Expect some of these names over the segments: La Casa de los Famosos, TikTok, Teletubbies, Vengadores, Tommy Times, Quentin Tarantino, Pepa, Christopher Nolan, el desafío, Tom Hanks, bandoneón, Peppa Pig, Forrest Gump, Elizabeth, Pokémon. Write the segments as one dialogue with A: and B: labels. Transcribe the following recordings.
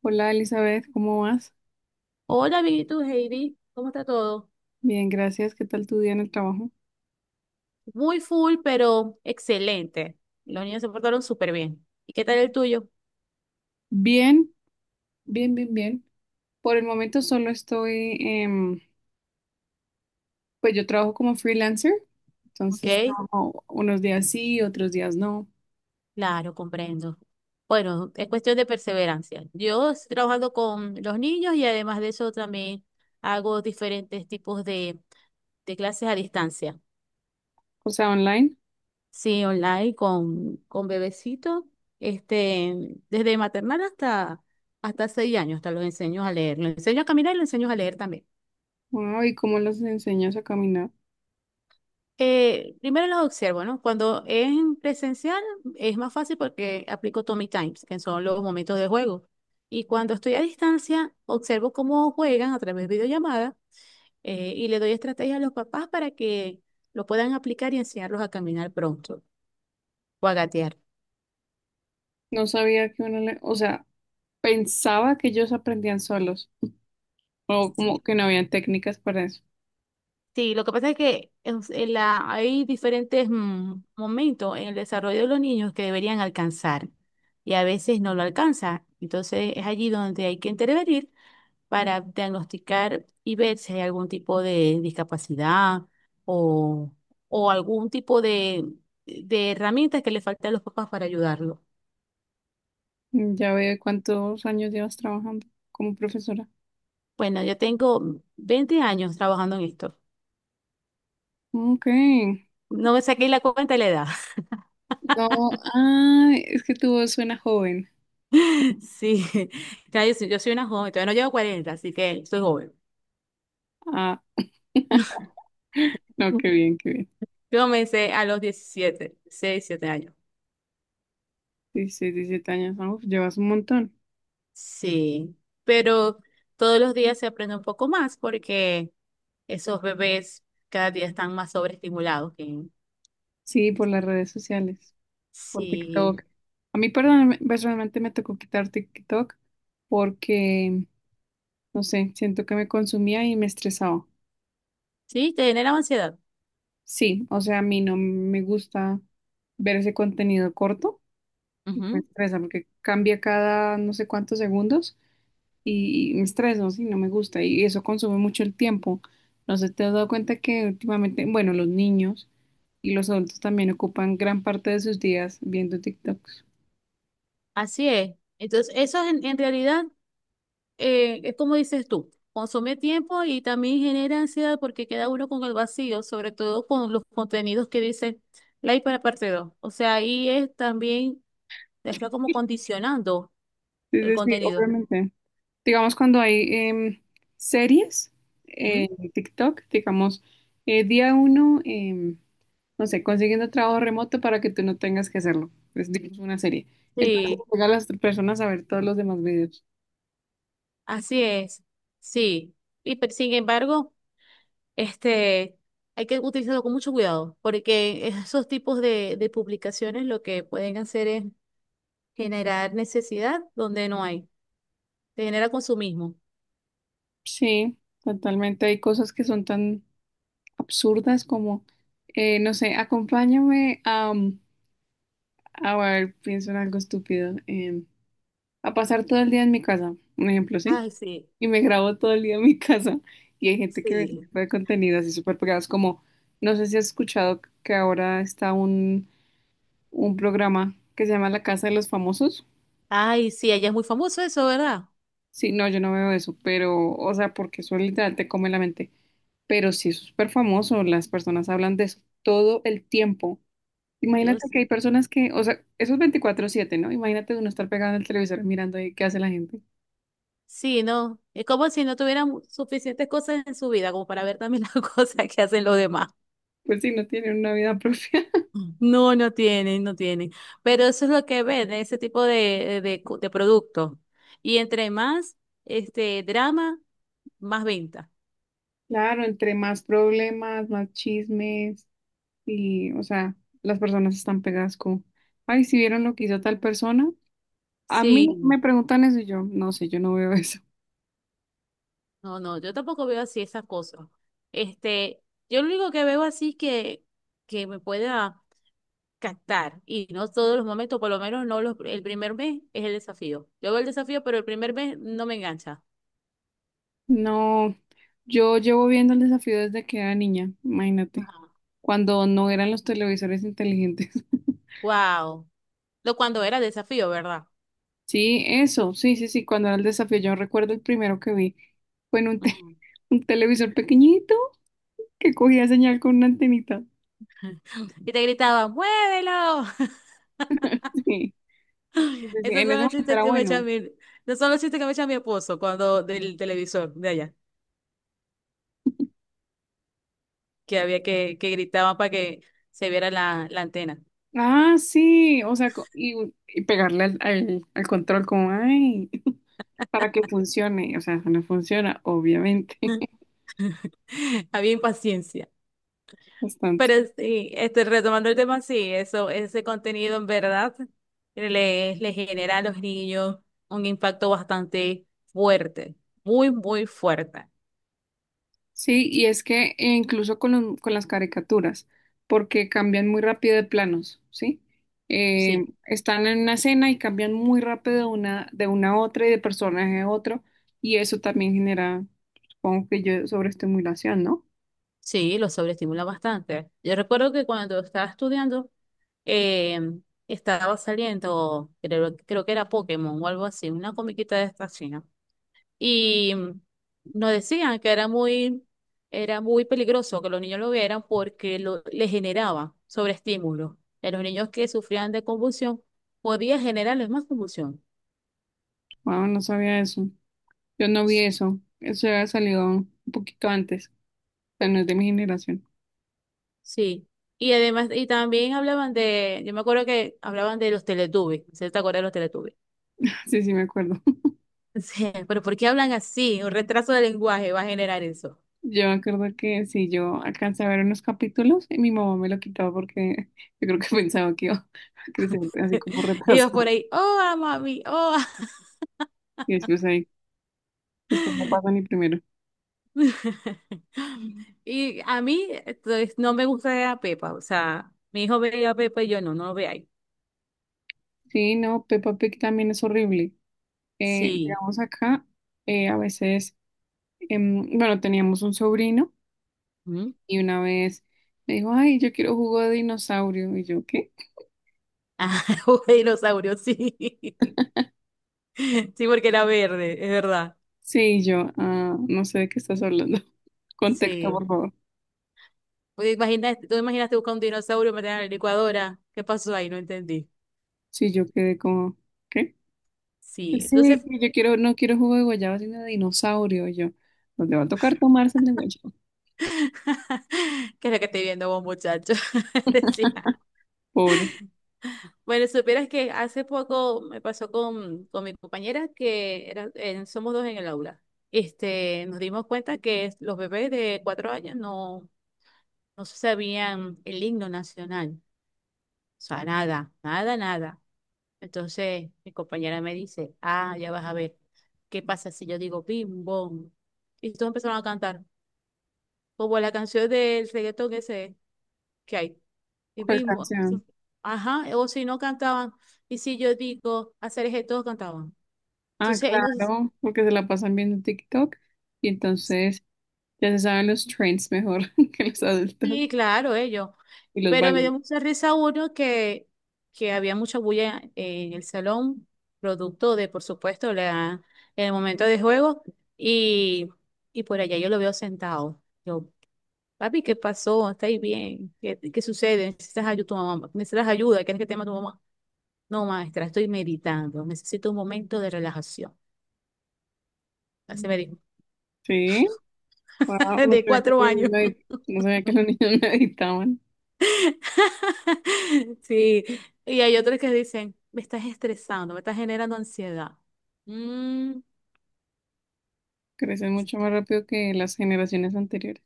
A: Hola Elizabeth, ¿cómo vas?
B: Hola, amiguitos, Heidi, ¿cómo está todo?
A: Bien, gracias. ¿Qué tal tu día en el trabajo?
B: Muy full, pero excelente. Los niños se portaron súper bien. ¿Y qué tal el tuyo?
A: Bien, bien, bien, bien. Por el momento solo estoy, pues yo trabajo como freelancer, entonces
B: Ok,
A: trabajo unos días sí, otros días no,
B: claro, comprendo. Bueno, es cuestión de perseverancia. Yo estoy trabajando con los niños y además de eso también hago diferentes tipos de clases a distancia.
A: o sea, online.
B: Sí, online con bebecitos, desde maternal hasta seis años, hasta los enseño a leer. Los enseño a caminar y los enseño a leer también.
A: Wow, ¿y cómo los enseñas a caminar?
B: Primero los observo, ¿no? Cuando es en presencial es más fácil porque aplico Tommy Times, que son los momentos de juego. Y cuando estoy a distancia, observo cómo juegan a través de videollamada y le doy estrategias a los papás para que lo puedan aplicar y enseñarlos a caminar pronto o a gatear.
A: No sabía que uno le, o sea, pensaba que ellos aprendían solos, o como
B: Sí,
A: que no habían técnicas para eso.
B: sí, lo que pasa es que en hay diferentes momentos en el desarrollo de los niños que deberían alcanzar y a veces no lo alcanza. Entonces es allí donde hay que intervenir para diagnosticar y ver si hay algún tipo de discapacidad o, o algún tipo de herramientas que le faltan a los papás para ayudarlo.
A: Mm, ya veo, ¿cuántos años llevas trabajando como profesora?
B: Bueno, yo tengo 20 años trabajando en esto.
A: Ok.
B: No me saqué la cuenta de la edad.
A: No, ah, es que tu voz suena joven.
B: Sí, soy yo soy una joven, todavía no llevo 40, así que soy joven.
A: Ah, no, qué
B: Yo
A: bien, qué bien.
B: comencé a los 17, 6, 7 años.
A: 16, 17 años, ah, uf, llevas un montón.
B: Sí, pero todos los días se aprende un poco más porque esos bebés cada día están más sobreestimulados.
A: Sí, por las redes sociales, por
B: Sí,
A: TikTok. A mí perdón, personalmente me tocó quitar TikTok porque, no sé, siento que me consumía y me estresaba.
B: sí, te generan ansiedad.
A: Sí, o sea, a mí no me gusta ver ese contenido corto, me
B: Ujú.
A: estresa porque cambia cada no sé cuántos segundos y me estreso, sí, no me gusta y eso consume mucho el tiempo. No sé, ¿te has dado cuenta que últimamente, bueno, los niños y los adultos también ocupan gran parte de sus días viendo TikToks?
B: Así es. Entonces, eso en realidad es como dices tú, consume tiempo y también genera ansiedad porque queda uno con el vacío, sobre todo con los contenidos que dicen like para parte dos. O sea, ahí es también, te está como condicionando
A: Es
B: el
A: decir,
B: contenido.
A: obviamente, digamos cuando hay em, series
B: ¿Mm?
A: en TikTok, digamos, día uno, no sé, consiguiendo trabajo remoto para que tú no tengas que hacerlo. Es, digamos, una serie. Entonces,
B: Sí,
A: llega a las personas a ver todos los demás videos.
B: así es. Sí. Pero sin embargo, Este, hay que utilizarlo con mucho cuidado, porque esos tipos de publicaciones lo que pueden hacer es generar necesidad donde no hay, te genera consumismo.
A: Sí, totalmente. Hay cosas que son tan absurdas como, no sé, acompáñame a, a ver, pienso en algo estúpido, a pasar todo el día en mi casa, un ejemplo, ¿sí?
B: Ay, sí,
A: Y me grabo todo el día en mi casa y hay gente que ve ese
B: sí.
A: tipo de contenido así súper pegados como, no sé si has escuchado que ahora está un programa que se llama La Casa de los Famosos.
B: Ay, sí, allá es muy famoso eso, ¿verdad?
A: Sí, no, yo no veo eso, pero, o sea, porque eso literal te come la mente. Pero sí es súper famoso, las personas hablan de eso todo el tiempo.
B: Yo
A: Imagínate que hay
B: sí.
A: personas que, o sea, eso es 24/7, ¿no? Imagínate uno estar pegado al televisor mirando ahí qué hace la gente.
B: Sí, no, es como si no tuvieran suficientes cosas en su vida como para ver también las cosas que hacen los demás.
A: Pues sí, no tienen una vida propia.
B: No, no tienen, no tienen. Pero eso es lo que ven, ese tipo de productos. Y entre más drama, más venta.
A: Claro, entre más problemas, más chismes y, o sea, las personas están pegadas como, ay, si vieron lo que hizo tal persona. A mí me
B: Sí,
A: preguntan eso y yo, no sé, yo no veo eso.
B: no, no, yo tampoco veo así esas cosas. Este, yo lo único que veo así es que me pueda captar y no todos los momentos, por lo menos no los, el primer mes es el desafío. Yo veo el desafío, pero el primer mes no me engancha.
A: No, yo llevo viendo el desafío desde que era niña, imagínate,
B: Ajá.
A: cuando no eran los televisores inteligentes.
B: Wow. Lo cuando era desafío, ¿verdad?
A: Sí, eso, sí, sí, sí, cuando era el desafío, yo recuerdo el primero que vi fue en un,
B: Ujú.
A: un televisor pequeñito que cogía señal con una antenita.
B: Y te gritaban, ¡muévelo!
A: Sí, sí, sí,
B: Esos
A: en
B: son
A: ese
B: los
A: momento
B: chistes
A: era
B: que me echa
A: bueno.
B: no son los chistes que me echa mi esposo cuando del televisor de allá, que había que gritaban para que se viera la antena.
A: Ah, sí, o sea, y, y pegarle al, al control como, ay, para que funcione, o sea, eso no funciona, obviamente,
B: Había impaciencia.
A: bastante.
B: Pero sí, retomando el tema, sí, eso, ese contenido en verdad le genera a los niños un impacto bastante fuerte, muy, muy fuerte.
A: Sí, y es que incluso con, con las caricaturas, porque cambian muy rápido de planos, ¿sí?
B: Sí,
A: Están en una escena y cambian muy rápido de una a otra y de personaje a otro, y eso también genera, supongo que yo, sobreestimulación, ¿no?
B: sí, lo sobreestimula bastante. Yo recuerdo que cuando estaba estudiando, eh, estaba saliendo, creo que era Pokémon o algo así, una comiquita de esta china. Y nos decían que era muy peligroso que los niños lo vieran porque le generaba sobreestímulo. En los niños que sufrían de convulsión, podía generarles más convulsión.
A: Wow, no sabía eso. Yo no vi eso. Eso había salido un poquito antes, o sea, no es de mi generación.
B: Sí. Y además, y también hablaban de, yo me acuerdo que hablaban de los Teletubbies, ¿se te acuerdas de los Teletubbies?
A: Sí, sí, me acuerdo.
B: Sí, pero ¿por qué hablan así? Un retraso de lenguaje va a generar eso.
A: Yo me acuerdo que si yo alcancé a ver unos capítulos y mi mamá me lo quitaba porque yo creo que pensaba que iba a crecer así como
B: Ellos por
A: retrasado.
B: ahí, oh, ah, mami, oh.
A: Y después ahí, después no pasa ni primero.
B: Y a mí entonces, no me gusta ver a Pepa. O sea, mi hijo veía a Pepa y yo no, no lo veía.
A: Sí, no, Peppa Pig también es horrible.
B: Sí.
A: Digamos acá, a veces, bueno, teníamos un sobrino
B: ¿Mm?
A: y una vez me dijo, ay, yo quiero jugo de dinosaurio. Y yo, ¿qué?
B: Ah, un dinosaurio, sí. Sí, porque era verde, es verdad.
A: Sí, yo, ah, no sé de qué estás hablando. Contexto,
B: Sí.
A: por favor.
B: Pues tú imaginaste buscar un dinosaurio, meter en la licuadora. ¿Qué pasó ahí? No entendí.
A: Sí, yo quedé como, ¿qué?
B: Sí.
A: Sí,
B: Entonces,
A: yo quiero, no quiero jugo de guayaba, sino de dinosaurio yo. Nos le va a tocar tomarse el de guayaba.
B: ¿qué es lo que estoy viendo vos, muchacho? Decía.
A: Pobre.
B: Bueno, supieras que hace poco me pasó con mi compañera que era, somos dos en el aula. Nos dimos cuenta que los bebés de cuatro años no se sabían el himno nacional. O sea, nada, nada, nada. Entonces mi compañera me dice, ah, ya vas a ver, ¿qué pasa si yo digo bim, bom? Y todos empezaron a cantar, como la canción del reggaetón ese que hay, y
A: ¿Cuál
B: bim, bom. Sí.
A: canción?
B: Ajá, o si no cantaban, y si yo digo hacer eje, todos cantaban.
A: Ah,
B: Entonces, no sé.
A: claro, porque se la pasan viendo TikTok y entonces ya se saben los trends mejor que los adultos
B: Sí, claro, ellos.
A: y los
B: Pero me dio
A: bailan.
B: mucha risa uno que había mucha bulla en el salón, producto de, por supuesto, el momento de juego, y, y por allá yo lo veo sentado. Yo, papi, ¿qué pasó? ¿Estáis bien? ¿Qué, qué sucede? ¿Necesitas ayuda tu mamá? ¿Necesitas ayuda? ¿Quieres que te llame tu mamá? No, maestra, estoy meditando. Necesito un momento de relajación. Así me dijo,
A: Sí, wow, no
B: de
A: sabía que
B: cuatro
A: los niños
B: años.
A: medi- no sabía que los niños meditaban.
B: Sí, y hay otros que dicen, me estás estresando, me estás generando ansiedad. Mm,
A: Crecen mucho más rápido que las generaciones anteriores.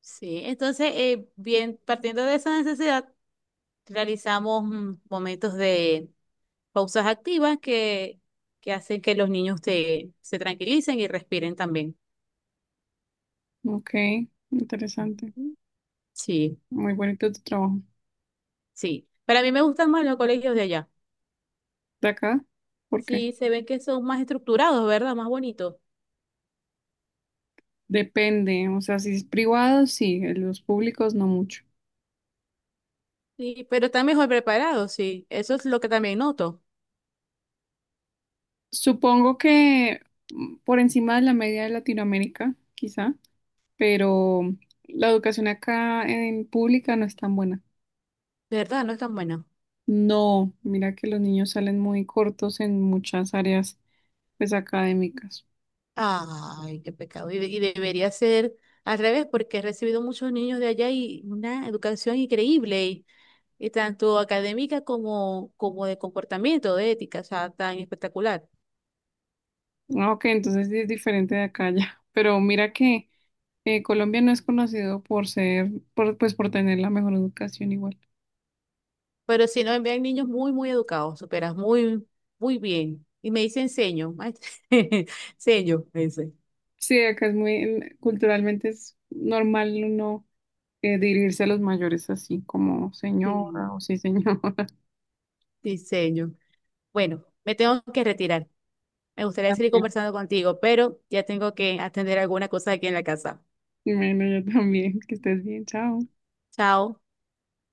B: sí, entonces, bien, partiendo de esa necesidad, realizamos momentos de pausas activas que hacen que los niños se tranquilicen y respiren también.
A: Ok, interesante.
B: Ujú. Sí,
A: Muy bonito tu trabajo.
B: sí. Para mí me gustan más los colegios de allá.
A: ¿De acá? ¿Por
B: Sí,
A: qué?
B: se ven que son más estructurados, ¿verdad? Más bonitos.
A: Depende, o sea, si es privado, sí, en los públicos no mucho.
B: Sí, pero están mejor preparados, sí. Eso es lo que también noto.
A: Supongo que mm, por encima de la media de Latinoamérica, quizá, pero la educación acá en pública no es tan buena.
B: De verdad, no es tan buena.
A: No, mira que los niños salen muy cortos en muchas áreas, pues, académicas.
B: Ay, qué pecado. Y, y debería ser al revés, porque he recibido muchos niños de allá y una educación increíble, y tanto académica como, como de comportamiento, de ética, o sea, tan espectacular.
A: Ah, ok, entonces sí es diferente de acá ya, pero mira que Colombia no es conocido por ser, por, pues, por tener la mejor educación igual.
B: Pero si no, envían niños muy, muy educados, superas muy, muy bien. Y me dicen seño, maestra. Seño, me dice.
A: Sí, acá es muy, culturalmente es normal uno dirigirse a los mayores así como señora
B: Sí,
A: o sí señora.
B: sí. Bueno, me tengo que retirar. Me gustaría seguir
A: También.
B: conversando contigo, pero ya tengo que atender alguna cosa aquí en la casa.
A: Bueno, yo también, que estés bien, chao.
B: Chao.